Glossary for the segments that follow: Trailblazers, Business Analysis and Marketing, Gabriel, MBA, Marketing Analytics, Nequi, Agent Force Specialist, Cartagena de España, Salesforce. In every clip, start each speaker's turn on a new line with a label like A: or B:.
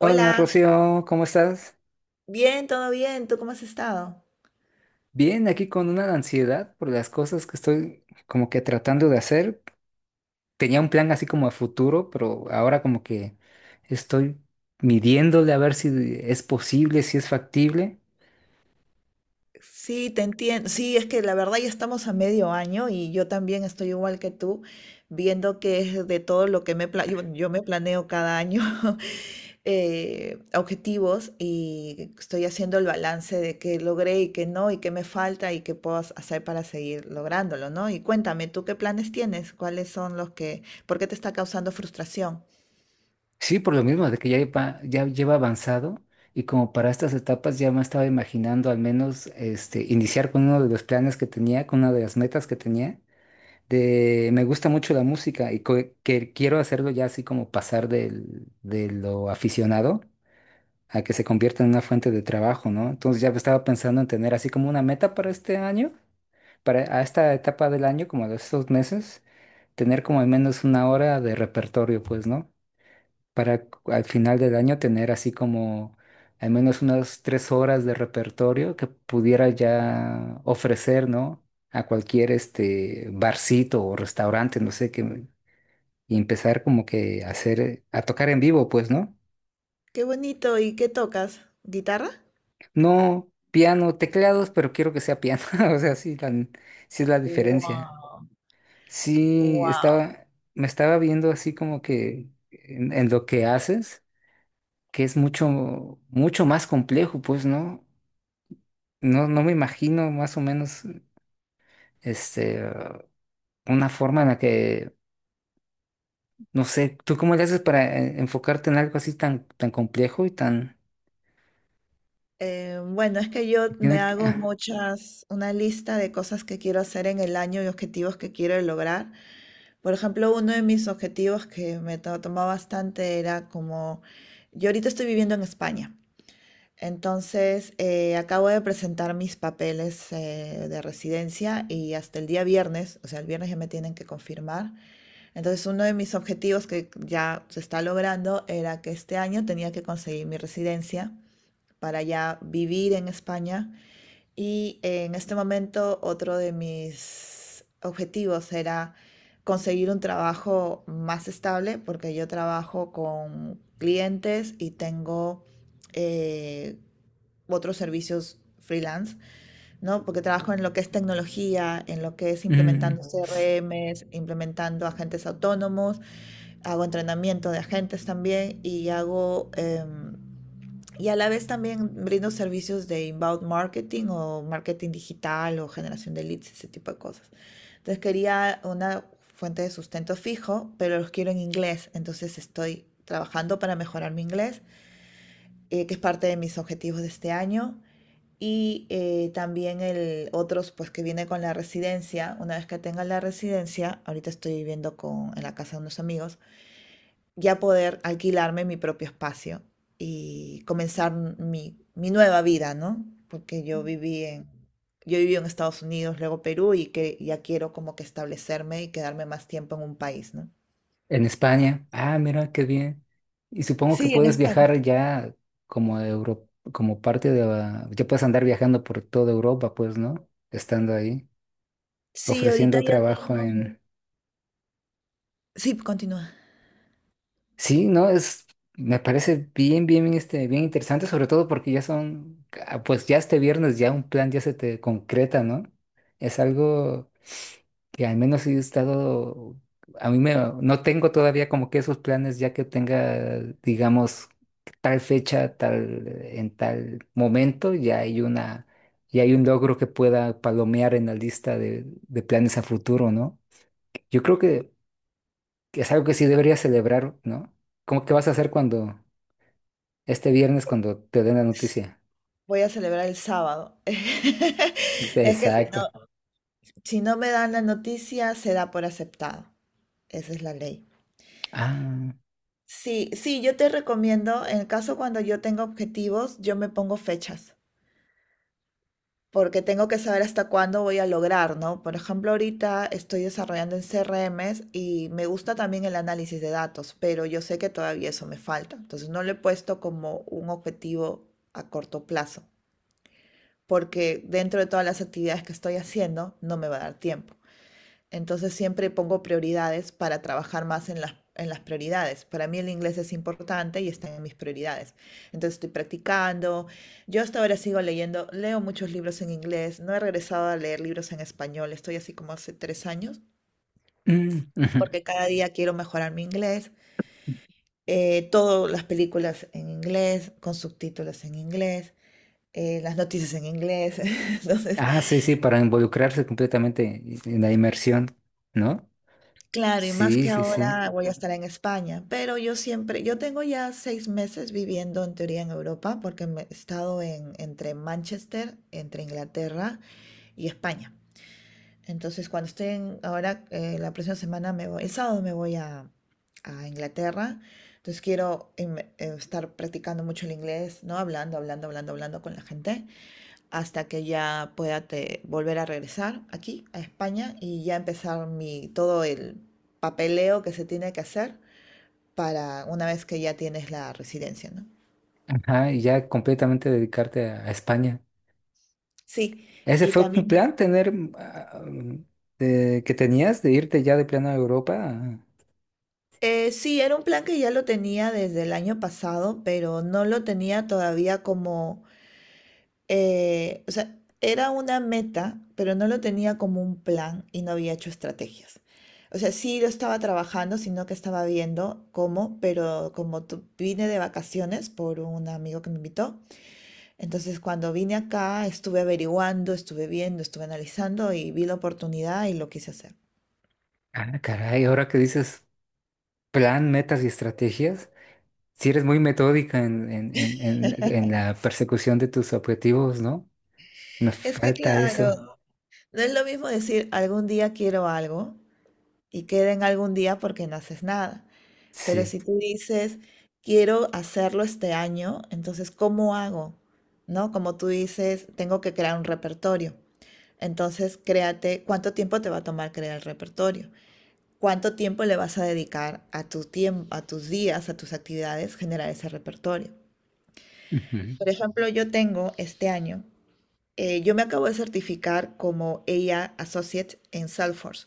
A: Hola Rocío, ¿cómo estás?
B: bien, todo bien, ¿tú cómo has estado?
A: Bien, aquí con una ansiedad por las cosas que estoy como que tratando de hacer. Tenía un plan así como a futuro, pero ahora como que estoy midiéndole a ver si es posible, si es factible.
B: Sí, te entiendo. Sí, es que la verdad ya estamos a medio año y yo también estoy igual que tú, viendo que es de todo lo que me yo me planeo cada año objetivos y estoy haciendo el balance de qué logré y qué no y qué me falta y qué puedo hacer para seguir lográndolo, ¿no? Y cuéntame, ¿tú qué planes tienes? ¿Cuáles son los que, por qué te está causando frustración?
A: Sí, por lo mismo de que ya lleva avanzado y como para estas etapas ya me estaba imaginando al menos este, iniciar con uno de los planes que tenía, con una de las metas que tenía. Me gusta mucho la música y que quiero hacerlo ya así como pasar de lo aficionado a que se convierta en una fuente de trabajo, ¿no? Entonces ya estaba pensando en tener así como una meta para este año, para a esta etapa del año, como de estos meses, tener como al menos una hora de repertorio, pues, ¿no? Al final del año tener así como al menos unas 3 horas de repertorio que pudiera ya ofrecer, ¿no? A cualquier este barcito o restaurante, no sé qué, y empezar como que a hacer, a tocar en vivo, pues, ¿no?
B: Qué bonito, ¿y qué tocas? ¿Guitarra?
A: No piano, teclados, pero quiero que sea piano, o sea, sí es la diferencia.
B: Wow.
A: Sí,
B: Wow.
A: estaba, me estaba viendo así como que en lo que haces que es mucho, mucho más complejo, pues, ¿no? No, no me imagino más o menos este, ah, una forma en la que, no sé, ¿tú cómo le haces para enfocarte en algo así tan, tan complejo y tan...
B: Bueno, es que yo
A: que
B: me
A: Tiene que-
B: hago
A: ah,
B: muchas, una lista de cosas que quiero hacer en el año y objetivos que quiero lograr. Por ejemplo, uno de mis objetivos que me tomó bastante era como, yo ahorita estoy viviendo en España, entonces acabo de presentar mis papeles de residencia y hasta el día viernes, o sea, el viernes ya me tienen que confirmar. Entonces, uno de mis objetivos que ya se está logrando era que este año tenía que conseguir mi residencia, para ya vivir en España. Y en este momento otro de mis objetivos era conseguir un trabajo más estable porque yo trabajo con clientes y tengo eh, otros servicios freelance, ¿no? Porque trabajo en lo que es tecnología, en lo que es implementando
A: mm,
B: CRMs, implementando agentes autónomos, hago entrenamiento de agentes también y y a la vez también brindo servicios de inbound marketing o marketing digital o generación de leads, ese tipo de cosas. Entonces quería una fuente de sustento fijo, pero los quiero en inglés. Entonces estoy trabajando para mejorar mi inglés, que es parte de mis objetivos de este año. Y también el otros, pues que viene con la residencia. Una vez que tenga la residencia, ahorita estoy viviendo con, en la casa de unos amigos, ya poder alquilarme mi propio espacio y comenzar mi nueva vida, ¿no? Porque yo viví en Estados Unidos, luego Perú, y que ya quiero como que establecerme y quedarme más tiempo en un país, ¿no?
A: en España, ah, mira, qué bien. Y supongo que
B: Sí, en
A: puedes
B: España.
A: viajar ya como Euro, como parte de... la- Ya puedes andar viajando por toda Europa, pues, ¿no? Estando ahí,
B: Sí, ahorita
A: ofreciendo
B: ya
A: trabajo.
B: tengo. Sí, continúa.
A: Sí, no, es, me parece bien, este, bien interesante, sobre todo porque ya son, ah, pues ya este viernes ya un plan ya se te concreta, ¿no? Es algo que al menos sí he estado, a mí me, no tengo todavía como que esos planes ya que tenga, digamos, tal fecha, tal, en tal momento, ya hay una, ya hay un logro que pueda palomear en la lista de planes a futuro, ¿no? Yo creo que es algo que sí deberías celebrar, ¿no? ¿Cómo que vas a hacer cuando, este viernes, cuando te den la
B: Sí,
A: noticia?
B: voy a celebrar el sábado.
A: Dice,
B: Es que si
A: exacto.
B: no, si no me dan la noticia, se da por aceptado. Esa es la ley.
A: Ah,
B: Sí, sí, yo te recomiendo, en el caso cuando yo tengo objetivos, yo me pongo fechas, porque tengo que saber hasta cuándo voy a lograr, ¿no? Por ejemplo, ahorita estoy desarrollando en CRMs y me gusta también el análisis de datos, pero yo sé que todavía eso me falta, entonces no lo he puesto como un objetivo a corto plazo, porque dentro de todas las actividades que estoy haciendo, no me va a dar tiempo. Entonces siempre pongo prioridades para trabajar más en en las prioridades. Para mí el inglés es importante y está en mis prioridades. Entonces estoy practicando. Yo hasta ahora sigo leyendo, leo muchos libros en inglés. No he regresado a leer libros en español. Estoy así como hace 3 años
A: mm, ujú.
B: porque cada día quiero mejorar mi inglés. Todas las películas en inglés, con subtítulos en inglés, las noticias en inglés. Entonces
A: Ah, sí, sí, para involucrarse completamente en la inmersión, ¿no?
B: claro, y más
A: Sí,
B: que
A: sí, sí.
B: ahora voy a estar en España, pero yo siempre, yo tengo ya 6 meses viviendo en teoría en Europa, porque he estado en, entre Manchester, entre Inglaterra y España. Entonces, cuando estoy en, ahora, la próxima semana me voy, el sábado me voy a Inglaterra, entonces quiero estar practicando mucho el inglés, ¿no? Hablando, hablando, hablando, hablando con la gente hasta que ya pueda volver a regresar aquí a España y ya empezar todo el papeleo que se tiene que hacer para una vez que ya tienes la residencia, ¿no?
A: Ajá, y ya completamente dedicarte a España.
B: Sí,
A: Ese
B: y
A: fue un
B: también,
A: plan tener ah, que tenías de irte ya de plano a Europa.
B: sí, era un plan que ya lo tenía desde el año pasado, pero no lo tenía todavía como o sea, era una meta, pero no lo tenía como un plan y no había hecho estrategias. O sea, sí lo estaba trabajando, sino que estaba viendo cómo, pero como vine de vacaciones por un amigo que me invitó, entonces cuando vine acá estuve averiguando, estuve viendo, estuve analizando y vi la oportunidad y lo quise hacer.
A: Ah, caray, ahora que dices plan, metas y estrategias. Si eres muy metódica en la persecución de tus objetivos, ¿no? Nos
B: Es que
A: falta eso.
B: claro, no es lo mismo decir algún día quiero algo y queda en algún día porque no haces nada. Pero
A: Sí.
B: si tú dices, quiero hacerlo este año, entonces, ¿cómo hago? ¿No? Como tú dices, tengo que crear un repertorio. Entonces, créate cuánto tiempo te va a tomar crear el repertorio. ¿Cuánto tiempo le vas a dedicar a tu tiempo, a tus días, a tus actividades, generar ese repertorio?
A: Ujú.
B: Por ejemplo, yo tengo este año, yo me acabo de certificar como ella Associate en Salesforce.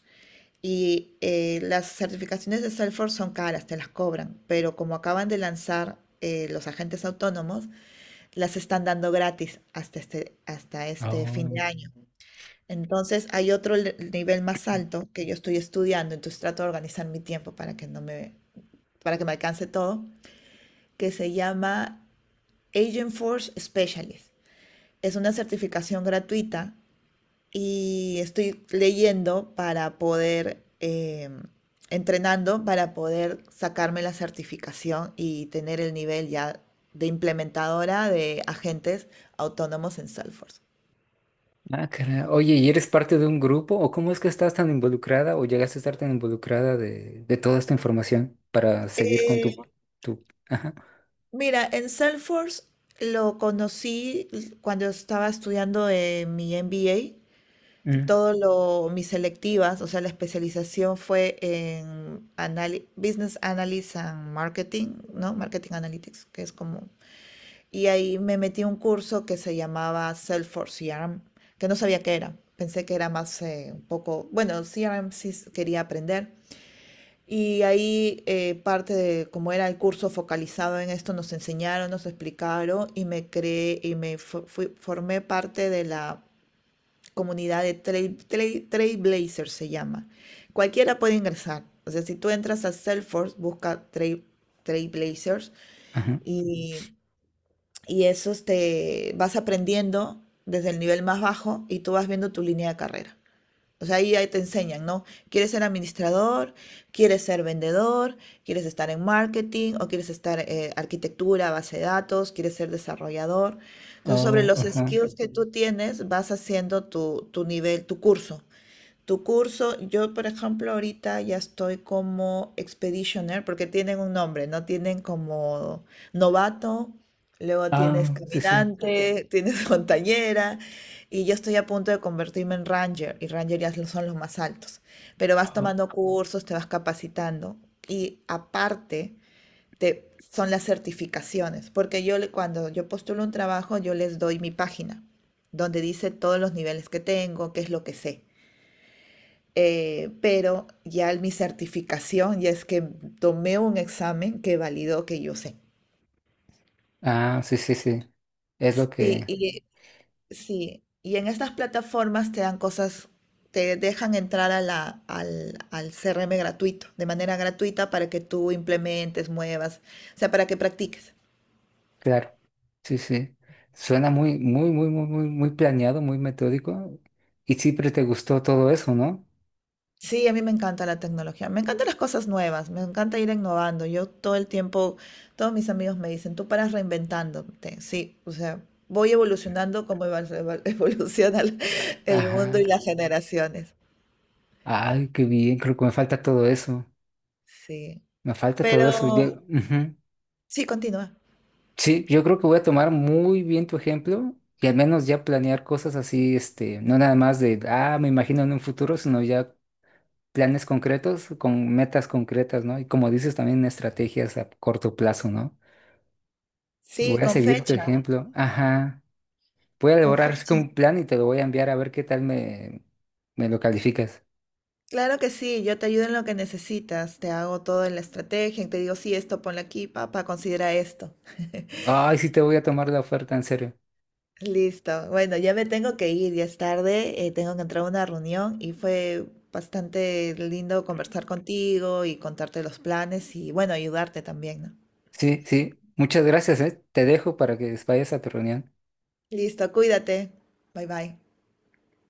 B: Y las certificaciones de Salesforce son caras, te las cobran, pero como acaban de lanzar los agentes autónomos, las están dando gratis hasta este fin de
A: Oh.
B: año. Entonces hay otro nivel más alto que yo estoy estudiando, entonces trato de organizar mi tiempo para que no me, para que me alcance todo, que se llama Agent Force Specialist. Es una certificación gratuita y estoy leyendo para poder, entrenando para poder sacarme la certificación y tener el nivel ya de implementadora de agentes autónomos en Salesforce.
A: Ah, caray. Oye, ¿y eres parte de un grupo? ¿O cómo es que estás tan involucrada o llegaste a estar tan involucrada de toda esta información para seguir con
B: Eh,
A: tu, tu... Ajá.
B: mira, en Salesforce lo conocí cuando estaba estudiando mi MBA.
A: Mm.
B: Todo lo, mis selectivas, o sea, la especialización fue en Business Analysis and Marketing, ¿no? Marketing Analytics, que es como. Y ahí me metí a un curso que se llamaba Salesforce CRM, que no sabía qué era. Pensé que era más un poco, bueno, CRM sí quería aprender. Y ahí parte de como era el curso focalizado en esto, nos enseñaron, nos explicaron y me creé y me formé parte de la comunidad de Trailblazers se llama. Cualquiera puede ingresar. O sea, si tú entras a Salesforce, busca Trailblazers
A: Ajá.
B: y y eso te vas aprendiendo desde el nivel más bajo y tú vas viendo tu línea de carrera. O sea, ahí te enseñan, ¿no? ¿Quieres ser administrador? ¿Quieres ser vendedor? ¿Quieres estar en marketing? ¿O quieres estar en arquitectura, base de datos? ¿Quieres ser desarrollador? Entonces, sobre
A: Oh,
B: los
A: ajá.
B: skills que tú tienes, vas haciendo tu nivel, tu curso. Tu curso, yo por ejemplo ahorita ya estoy como expeditioner porque tienen un nombre, ¿no? Tienen como novato, luego tienes
A: Ah, sí, sí.
B: caminante, tienes montañera y yo estoy a punto de convertirme en ranger y ranger ya son los más altos. Pero vas
A: Oh.
B: tomando cursos, te vas capacitando y aparte te, son las certificaciones porque yo cuando yo postulo un trabajo yo les doy mi página donde dice todos los niveles que tengo, qué es lo que sé. Pero ya mi certificación, ya es que tomé un examen que validó que yo sé.
A: Ah, sí, sí, sí. Es lo
B: Sí,
A: que...
B: y, sí, y en estas plataformas te dan cosas, te dejan entrar a al CRM gratuito, de manera gratuita para que tú implementes, muevas, o sea, para que practiques.
A: Claro, sí, sí. Suena muy, muy planeado, muy metódico. Y siempre te gustó todo eso, ¿no?
B: Sí, a mí me encanta la tecnología, me encantan las cosas nuevas, me encanta ir innovando. Yo todo el tiempo, todos mis amigos me dicen, tú paras reinventándote. Sí, o sea, voy evolucionando como evoluciona el mundo
A: Ajá.
B: y las generaciones.
A: Ay, qué bien, creo que me falta todo eso.
B: Sí,
A: Me falta todo eso.
B: pero
A: Yo, ujú.
B: sí, continúa.
A: Sí, yo creo que voy a tomar muy bien tu ejemplo y al menos ya planear cosas así, este, no nada más de, ah, me imagino en un futuro, sino ya planes concretos con metas concretas, ¿no? Y como dices, también estrategias a corto plazo, ¿no?
B: Sí,
A: Voy a
B: con
A: seguir tu
B: fecha,
A: ejemplo. Ajá. Voy a
B: con
A: elaborar así
B: fecha.
A: como un plan y te lo voy a enviar a ver qué tal me, me lo calificas.
B: Claro que sí, yo te ayudo en lo que necesitas, te hago toda la estrategia, y te digo, sí, esto ponle aquí, papá, considera esto.
A: Ay, sí te voy a tomar la oferta, en serio.
B: Listo. Bueno, ya me tengo que ir, ya es tarde, tengo que entrar a una reunión y fue bastante lindo conversar contigo y contarte los planes y bueno, ayudarte también, ¿no?
A: Sí, sí. Muchas gracias, ¿eh? Te dejo para que vayas a tu reunión.
B: Listo, cuídate. Bye bye.